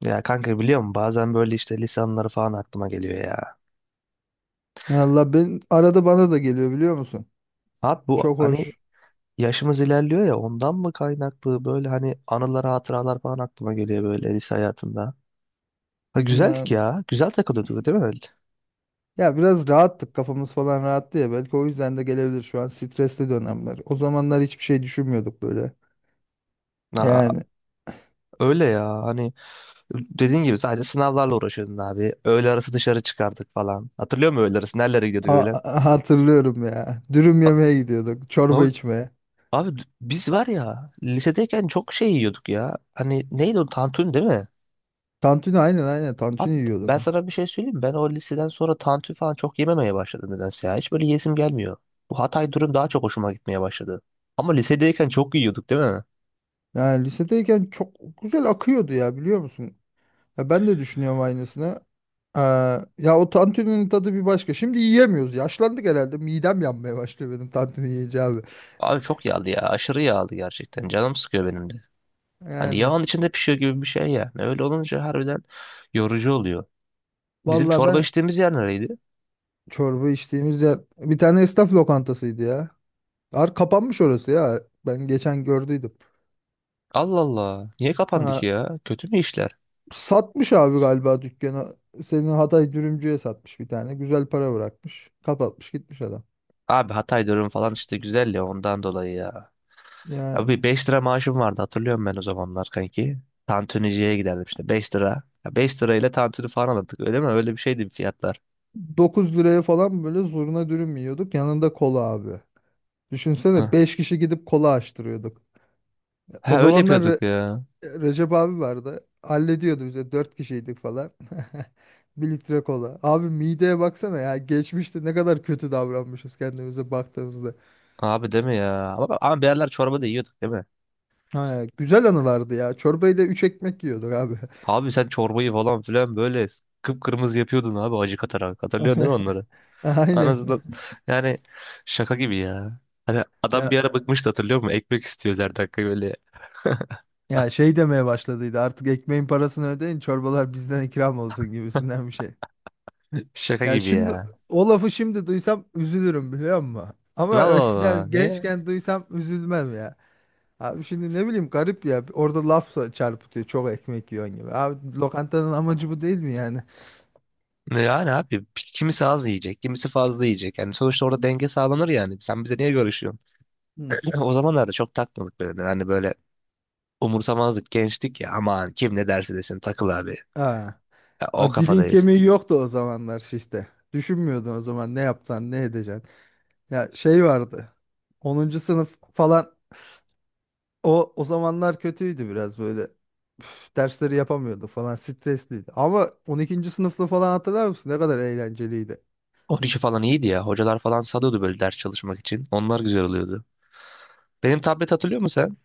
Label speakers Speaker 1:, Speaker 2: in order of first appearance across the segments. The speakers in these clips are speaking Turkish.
Speaker 1: Ya kanka biliyor musun bazen böyle işte lisanları falan aklıma geliyor ya.
Speaker 2: Ya Allah ben arada bana da geliyor biliyor musun?
Speaker 1: Abi bu
Speaker 2: Çok
Speaker 1: hani
Speaker 2: hoş.
Speaker 1: yaşımız ilerliyor ya ondan mı kaynaklı böyle hani anılar hatıralar falan aklıma geliyor böyle lise hayatında. Ha, güzeldik
Speaker 2: Yani
Speaker 1: ya güzel takılıyorduk değil mi?
Speaker 2: ya biraz rahattık kafamız falan rahattı ya belki o yüzden de gelebilir şu an stresli dönemler. O zamanlar hiçbir şey düşünmüyorduk böyle.
Speaker 1: Ha,
Speaker 2: Yani
Speaker 1: öyle ya hani dediğin gibi sadece sınavlarla uğraşıyordun abi. Öğle arası dışarı çıkardık falan. Hatırlıyor musun öğle arası nerelere gidiyorduk öğlen?
Speaker 2: hatırlıyorum ya. Dürüm yemeye gidiyorduk, çorba
Speaker 1: Abi,
Speaker 2: içmeye.
Speaker 1: abi, biz var ya lisedeyken çok şey yiyorduk ya. Hani neydi o tantuni değil mi?
Speaker 2: Tantuni aynen aynen
Speaker 1: Abi
Speaker 2: tantuni
Speaker 1: ben
Speaker 2: yiyorduk. Ha.
Speaker 1: sana bir şey söyleyeyim mi? Ben o liseden sonra tantuni falan çok yememeye başladım nedense ya. Hiç böyle yesim gelmiyor. Bu Hatay durum daha çok hoşuma gitmeye başladı. Ama lisedeyken çok yiyorduk değil mi?
Speaker 2: Yani lisedeyken çok güzel akıyordu ya biliyor musun? Ya ben de düşünüyorum aynısını. Ee, ya o tantuninin tadı bir başka. Şimdi yiyemiyoruz. Yaşlandık herhalde. Midem yanmaya başlıyor benim tantuni yiyince abi.
Speaker 1: Abi çok yağlı ya. Aşırı yağlı gerçekten. Canım sıkıyor benim de. Hani
Speaker 2: Yani
Speaker 1: yağın içinde pişiyor gibi bir şey yani. Öyle olunca harbiden yorucu oluyor. Bizim
Speaker 2: valla
Speaker 1: çorba
Speaker 2: ben
Speaker 1: içtiğimiz yer nereydi?
Speaker 2: çorba içtiğimiz yer bir tane esnaf lokantasıydı ya. Kapanmış orası ya. Ben geçen gördüydüm.
Speaker 1: Allah Allah. Niye kapandı ki
Speaker 2: Ha,
Speaker 1: ya? Kötü mü işler?
Speaker 2: satmış abi galiba dükkanı. Senin Hatay dürümcüye satmış bir tane. Güzel para bırakmış. Kapatmış gitmiş adam.
Speaker 1: Abi Hatay durum falan işte güzel ya ondan dolayı ya.
Speaker 2: Yani
Speaker 1: Abi 5 lira maaşım vardı hatırlıyorum ben o zamanlar kanki. Tantuniciye giderdim işte 5 lira. Ya 5 lirayla tantuni falan alırdık öyle mi? Öyle bir şeydi fiyatlar.
Speaker 2: 9 liraya falan böyle zurna dürüm yiyorduk. Yanında kola abi. Düşünsene
Speaker 1: Ha,
Speaker 2: 5 kişi gidip kola açtırıyorduk. O
Speaker 1: Ha, öyle
Speaker 2: zamanlar
Speaker 1: yapıyorduk ya.
Speaker 2: Recep abi vardı. Hallediyordu bize. Dört kişiydik falan. Bir litre kola. Abi mideye baksana ya. Geçmişte ne kadar kötü davranmışız kendimize baktığımızda.
Speaker 1: Abi değil mi ya? Ama, bir yerler çorba da yiyorduk değil mi?
Speaker 2: Ha, güzel anılardı ya. Çorbayı da üç ekmek yiyorduk abi.
Speaker 1: Abi sen çorbayı falan filan böyle kıpkırmızı yapıyordun abi acı katarak. Hatırlıyorsun değil mi onları?
Speaker 2: Aynen.
Speaker 1: Anasından yani şaka gibi ya. Hani adam bir
Speaker 2: Ya
Speaker 1: ara bıkmıştı hatırlıyor musun? Ekmek istiyoruz her dakika böyle.
Speaker 2: ya şey demeye başladıydı. Artık ekmeğin parasını ödeyin, çorbalar bizden ikram olsun gibisinden bir şey.
Speaker 1: Şaka
Speaker 2: Ya
Speaker 1: gibi
Speaker 2: şimdi
Speaker 1: ya.
Speaker 2: o lafı şimdi duysam üzülürüm biliyor musun?
Speaker 1: Allah
Speaker 2: Ama
Speaker 1: Allah
Speaker 2: eskiden
Speaker 1: niye?
Speaker 2: gençken duysam üzülmem ya. Abi şimdi ne bileyim garip ya. Orada laf çarpıtıyor. Çok ekmek yiyorsun gibi. Abi lokantanın amacı bu değil mi yani?
Speaker 1: Yani abi kimisi az yiyecek, kimisi fazla yiyecek. Yani sonuçta orada denge sağlanır yani. Sen bize niye görüşüyorsun?
Speaker 2: Hı.
Speaker 1: O zamanlarda çok takmadık böyle. Yani böyle umursamazdık, gençtik ya. Aman kim ne derse desin takıl abi.
Speaker 2: Ha.
Speaker 1: Ya, o
Speaker 2: A, dilin
Speaker 1: kafadayız.
Speaker 2: kemiği yoktu o zamanlar işte. Düşünmüyordun o zaman ne yapsan ne edeceksin. Ya şey vardı. 10. sınıf falan o zamanlar kötüydü biraz böyle. Üf, dersleri yapamıyordu falan stresliydi. Ama 12. sınıfta falan hatırlar mısın? Ne kadar eğlenceliydi.
Speaker 1: 12 falan iyiydi ya. Hocalar falan salıyordu böyle ders çalışmak için. Onlar güzel oluyordu. Benim tablet hatırlıyor musun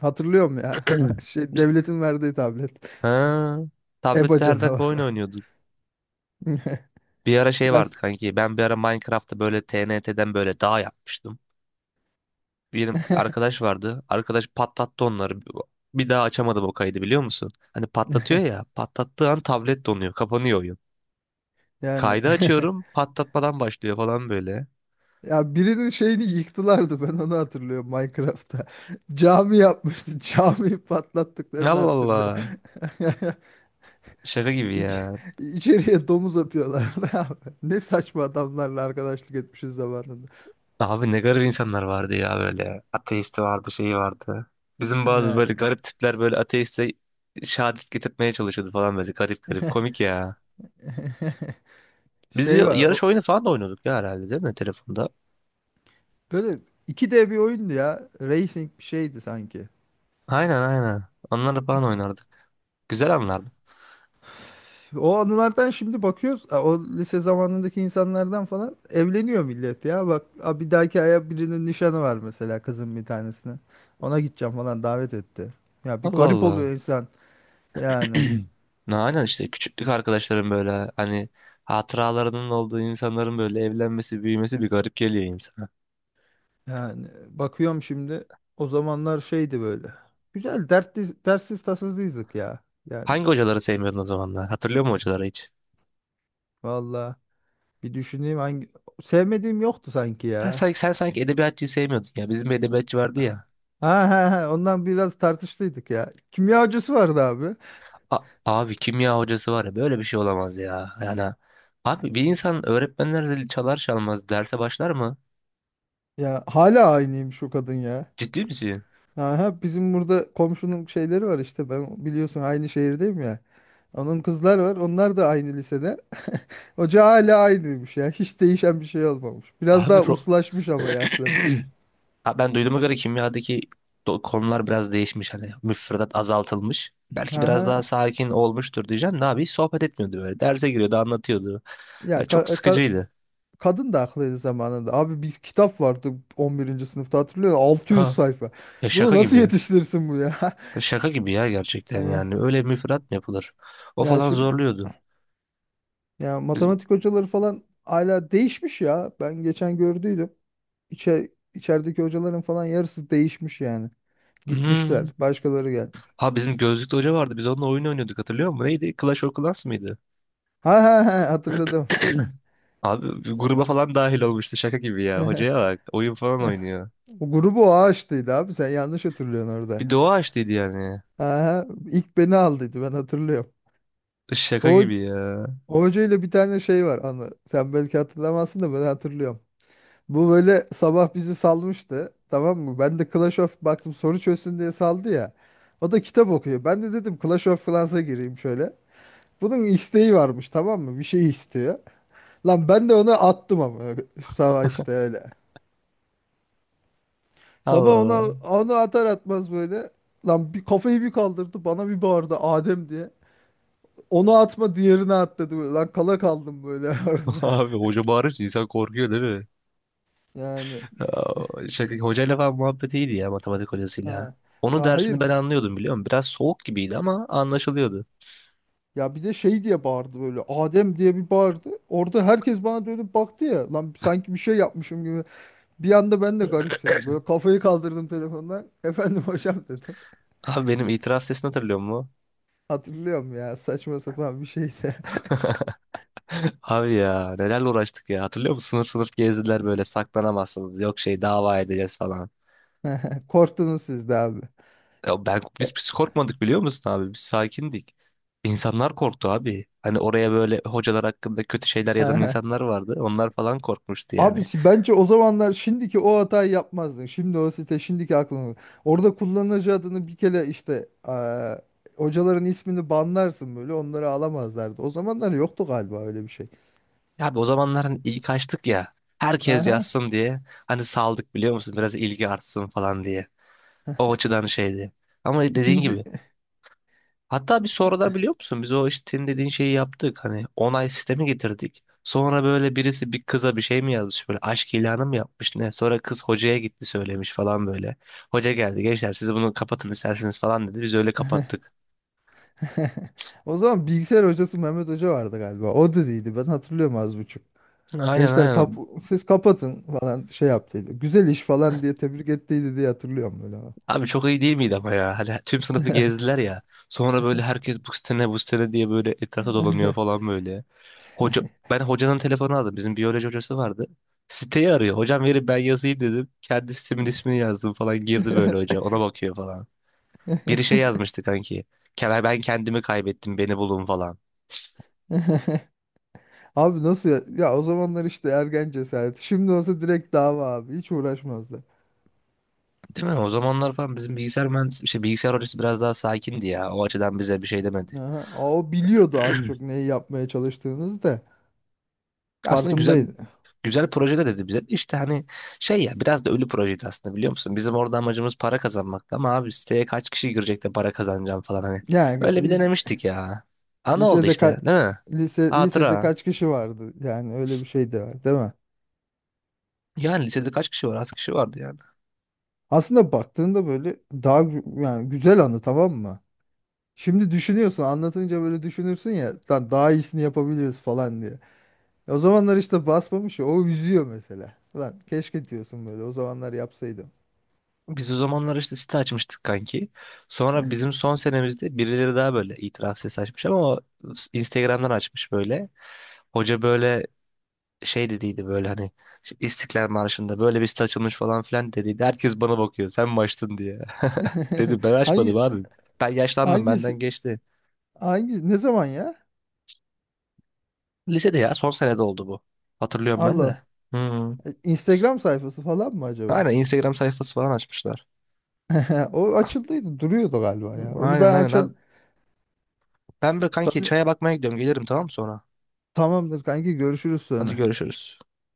Speaker 2: Hatırlıyorum ya.
Speaker 1: sen?
Speaker 2: Şey
Speaker 1: Biz...
Speaker 2: devletin verdiği tablet.
Speaker 1: Ha,
Speaker 2: EBA
Speaker 1: tablette her dakika oyun
Speaker 2: canavarı.
Speaker 1: oynuyorduk. Bir ara şey
Speaker 2: Ya
Speaker 1: vardı kanki. Ben bir ara Minecraft'ta böyle TNT'den böyle dağ yapmıştım. Benim arkadaş vardı. Arkadaş patlattı onları. Bir daha açamadım o kaydı biliyor musun? Hani patlatıyor ya. Patlattığı an tablet donuyor. Kapanıyor oyun.
Speaker 2: Yani
Speaker 1: Kaydı açıyorum. Patlatmadan başlıyor falan böyle.
Speaker 2: ya birinin şeyini yıktılardı ben onu hatırlıyorum Minecraft'ta. Cami yapmıştı. Camiyi patlattıklarını
Speaker 1: Allah
Speaker 2: hatırlıyorum.
Speaker 1: Allah. Şaka gibi
Speaker 2: İç,
Speaker 1: ya.
Speaker 2: içeriye domuz atıyorlardı abi. Ne saçma adamlarla arkadaşlık etmişiz zamanında.
Speaker 1: Abi ne garip insanlar vardı ya böyle. Ateisti vardı, şeyi vardı. Bizim bazı
Speaker 2: Ne
Speaker 1: böyle garip tipler böyle ateiste şehadet getirtmeye çalışıyordu falan böyle garip garip. Komik ya. Biz
Speaker 2: şey
Speaker 1: bir
Speaker 2: var
Speaker 1: yarış
Speaker 2: o
Speaker 1: oyunu falan da oynuyorduk ya herhalde değil mi telefonda?
Speaker 2: böyle iki d bir oyundu ya. Racing bir şeydi sanki.
Speaker 1: Aynen aynen. Onları falan
Speaker 2: Ha.
Speaker 1: oynardık. Güzel anlardı.
Speaker 2: O anılardan şimdi bakıyoruz. A, o lise zamanındaki insanlardan falan evleniyor millet ya. Bak a, bir dahaki aya birinin nişanı var mesela kızın bir tanesine. Ona gideceğim falan davet etti. Ya bir
Speaker 1: Allah
Speaker 2: garip oluyor
Speaker 1: Allah.
Speaker 2: insan. Yani
Speaker 1: Ne aynen işte küçüklük arkadaşların böyle hani hatıralarının olduğu insanların böyle evlenmesi, büyümesi bir garip geliyor insana.
Speaker 2: yani bakıyorum şimdi o zamanlar şeydi böyle. Güzel dertli, dertsiz tasasızdık ya. Yani
Speaker 1: Hangi hocaları sevmiyordun o zamanlar? Hatırlıyor musun hocaları hiç?
Speaker 2: valla bir düşüneyim hangi sevmediğim yoktu sanki
Speaker 1: Sen,
Speaker 2: ya.
Speaker 1: sanki- sen sanki edebiyatçıyı sevmiyordun ya. Bizim bir edebiyatçı vardı ya.
Speaker 2: Ha ha ha ondan biraz tartıştıydık ya. Kimya hocası vardı abi.
Speaker 1: Abi kimya hocası var ya böyle bir şey olamaz ya. Yani abi bir insan öğretmenler zili çalar çalmaz derse başlar mı?
Speaker 2: Ya hala aynıymış o kadın ya.
Speaker 1: Ciddi misin?
Speaker 2: Aha, bizim burada komşunun şeyleri var işte ben biliyorsun aynı şehirdeyim ya. Onun kızlar var onlar da aynı lisede. Hoca hala aynıymış ya hiç değişen bir şey olmamış. Biraz
Speaker 1: Abi
Speaker 2: daha uslaşmış ama yaşlı.
Speaker 1: Ha, ben duyduğuma göre kimyadaki konular biraz değişmiş hani müfredat azaltılmış. Belki biraz
Speaker 2: Aha.
Speaker 1: daha sakin olmuştur diyeceğim. Ne abi hiç sohbet etmiyordu böyle. Derse giriyordu, anlatıyordu. Ya
Speaker 2: Ya
Speaker 1: çok
Speaker 2: ka- ka-
Speaker 1: sıkıcıydı.
Speaker 2: kadın da haklıydı zamanında. Abi bir kitap vardı 11. sınıfta hatırlıyor musun? 600
Speaker 1: Ha,
Speaker 2: sayfa.
Speaker 1: ya
Speaker 2: Bunu
Speaker 1: şaka
Speaker 2: nasıl
Speaker 1: gibi.
Speaker 2: yetiştirirsin bu ya?
Speaker 1: Ya Şaka gibi ya gerçekten
Speaker 2: Hani,
Speaker 1: yani. Öyle müfredat mı yapılır? O
Speaker 2: ya
Speaker 1: falan
Speaker 2: şimdi
Speaker 1: zorluyordu.
Speaker 2: ya
Speaker 1: Biz,
Speaker 2: matematik hocaları falan hala değişmiş ya. Ben geçen gördüydüm. İçer, içerideki hocaların falan yarısı değişmiş yani.
Speaker 1: Hmm.
Speaker 2: Gitmişler. Başkaları gelmiş.
Speaker 1: Ha bizim gözlüklü hoca vardı. Biz onunla oyun oynuyorduk hatırlıyor musun? Neydi? Clash of Clans mıydı?
Speaker 2: Ha ha ha hatırladım.
Speaker 1: Abi bir gruba falan dahil olmuştu şaka gibi ya. Hocaya bak. Oyun falan oynuyor.
Speaker 2: O grubu o açtıydı abi. Sen yanlış hatırlıyorsun orada.
Speaker 1: Bir doğa açtıydı yani.
Speaker 2: Ha ha ilk beni aldıydı ben hatırlıyorum. O,
Speaker 1: Şaka gibi ya.
Speaker 2: o hocayla bir tane şey var anı. Sen belki hatırlamazsın da ben hatırlıyorum. Bu böyle sabah bizi salmıştı. Tamam mı? Ben de Clash of baktım soru çözsün diye saldı ya. O da kitap okuyor. Ben de dedim Clash of Clans'a gireyim şöyle. Bunun isteği varmış tamam mı? Bir şey istiyor. Lan ben de ona attım ama sabah işte öyle. Sabah
Speaker 1: Allah
Speaker 2: ona
Speaker 1: Allah.
Speaker 2: onu atar atmaz böyle. Lan bir kafayı bir kaldırdı bana bir bağırdı Adem diye. Onu atma diğerine at dedi böyle. Lan kala kaldım böyle orada.
Speaker 1: Abi hoca bağırınca insan korkuyor değil mi?
Speaker 2: Yani
Speaker 1: Hocayla falan muhabbet iyiydi ya matematik hocasıyla.
Speaker 2: ha.
Speaker 1: Onun
Speaker 2: Ha,
Speaker 1: dersini
Speaker 2: hayır
Speaker 1: ben anlıyordum biliyor musun? Biraz soğuk gibiydi ama anlaşılıyordu.
Speaker 2: ya bir de şey diye bağırdı böyle Adem diye bir bağırdı. Orada herkes bana dönüp baktı ya. Lan sanki bir şey yapmışım gibi. Bir anda ben de garipsedim. Böyle kafayı kaldırdım telefondan. Efendim hocam dedim.
Speaker 1: Abi benim itiraf sesini hatırlıyor musun?
Speaker 2: Hatırlıyorum ya saçma sapan bir şeydi.
Speaker 1: Abi ya nelerle uğraştık ya hatırlıyor musun? Sınıf sınıf gezdiler böyle saklanamazsınız yok şey dava edeceğiz falan.
Speaker 2: Korktunuz siz de abi.
Speaker 1: Ya ben biz korkmadık biliyor musun abi biz sakindik. İnsanlar korktu abi. Hani oraya böyle hocalar hakkında kötü şeyler yazan insanlar vardı. Onlar falan korkmuştu
Speaker 2: Abi
Speaker 1: yani.
Speaker 2: bence o zamanlar şimdiki o hatayı yapmazdın. Şimdi o site şimdiki aklını. Orada kullanıcı adını bir kere işte hocaların ismini banlarsın böyle onları alamazlardı. O zamanlar yoktu galiba öyle bir şey.
Speaker 1: Ya abi o zamanlar hani ilk açtık ya. Herkes
Speaker 2: Aha.
Speaker 1: yazsın diye. Hani saldık biliyor musun? Biraz ilgi artsın falan diye. O açıdan şeydi. Ama dediğin
Speaker 2: İkinci
Speaker 1: gibi. Hatta bir sonradan biliyor musun? Biz o işte senin dediğin şeyi yaptık. Hani onay sistemi getirdik. Sonra böyle birisi bir kıza bir şey mi yazmış böyle aşk ilanı mı yapmış ne? Sonra kız hocaya gitti söylemiş falan böyle. Hoca geldi gençler siz bunu kapatın isterseniz falan dedi. Biz öyle kapattık.
Speaker 2: o zaman bilgisayar hocası Mehmet Hoca vardı galiba. O dediydi ben hatırlıyorum az buçuk.
Speaker 1: Aynen
Speaker 2: Gençler
Speaker 1: aynen.
Speaker 2: siz kapatın falan şey yaptıydı. Güzel iş falan diye tebrik ettiydi diye hatırlıyorum böyle.
Speaker 1: Abi çok iyi değil miydi ama ya? Hani tüm sınıfı gezdiler ya. Sonra böyle herkes bu sitene bu sitene diye böyle etrafa dolanıyor falan böyle. Hoca, ben hocanın telefonu aldım. Bizim biyoloji hocası vardı. Siteyi arıyor. Hocam verin ben yazayım dedim. Kendi sitemin ismini yazdım falan. Girdi böyle hoca. Ona bakıyor falan. Biri şey yazmıştı kanki. Ben kendimi kaybettim. Beni bulun falan.
Speaker 2: Abi nasıl ya? Ya o zamanlar işte ergen cesareti. Şimdi olsa direkt dava abi. Hiç uğraşmazdı.
Speaker 1: Değil mi? O zamanlar falan bizim bilgisayar mühendis, şey, bilgisayar hocası biraz daha sakindi ya. O açıdan bize bir şey demedi.
Speaker 2: Aha. O biliyordu az çok neyi yapmaya çalıştığınızı da
Speaker 1: Aslında güzel
Speaker 2: farkındaydı.
Speaker 1: güzel projeler dedi bize. İşte hani şey ya biraz da ölü projeydi aslında biliyor musun? Bizim orada amacımız para kazanmaktı ama abi siteye kaç kişi girecek de para kazanacağım falan hani.
Speaker 2: Yani
Speaker 1: Öyle bir denemiştik ya. Ana oldu
Speaker 2: lisede
Speaker 1: işte
Speaker 2: kaç
Speaker 1: değil mi?
Speaker 2: lisede
Speaker 1: Hatıra.
Speaker 2: kaç kişi vardı? Yani öyle bir şey de var, değil mi?
Speaker 1: Yani lisede kaç kişi var? Az kişi vardı yani.
Speaker 2: Aslında baktığında böyle daha yani güzel anı tamam mı? Şimdi düşünüyorsun anlatınca böyle düşünürsün ya lan daha iyisini yapabiliriz falan diye. E, o zamanlar işte basmamış ya o üzüyor mesela. Lan keşke diyorsun böyle o zamanlar yapsaydım.
Speaker 1: Biz o zamanlar işte site açmıştık kanki. Sonra bizim son senemizde birileri daha böyle itiraf sesi açmış ama o Instagram'dan açmış böyle. Hoca böyle şey dediydi böyle hani işte İstiklal Marşı'nda böyle bir site açılmış falan filan dediydi. Herkes bana bakıyor sen mi açtın diye. Dedim ben
Speaker 2: Hangi
Speaker 1: açmadım abi. Ben yaşlandım benden
Speaker 2: hangisi
Speaker 1: geçti.
Speaker 2: hangi ne zaman ya?
Speaker 1: Lisede ya son senede oldu bu. Hatırlıyorum ben
Speaker 2: Allah.
Speaker 1: de. Hı.
Speaker 2: E, Instagram sayfası falan mı
Speaker 1: Aynen
Speaker 2: acaba?
Speaker 1: Instagram sayfası falan açmışlar.
Speaker 2: O açıldıydı, duruyordu galiba ya. Onu
Speaker 1: Aynen
Speaker 2: ben
Speaker 1: aynen abi. Ben böyle kanki
Speaker 2: tanı-
Speaker 1: çaya bakmaya gidiyorum. Gelirim tamam mı sonra?
Speaker 2: Tamamdır kanki görüşürüz
Speaker 1: Hadi
Speaker 2: sonra.
Speaker 1: görüşürüz.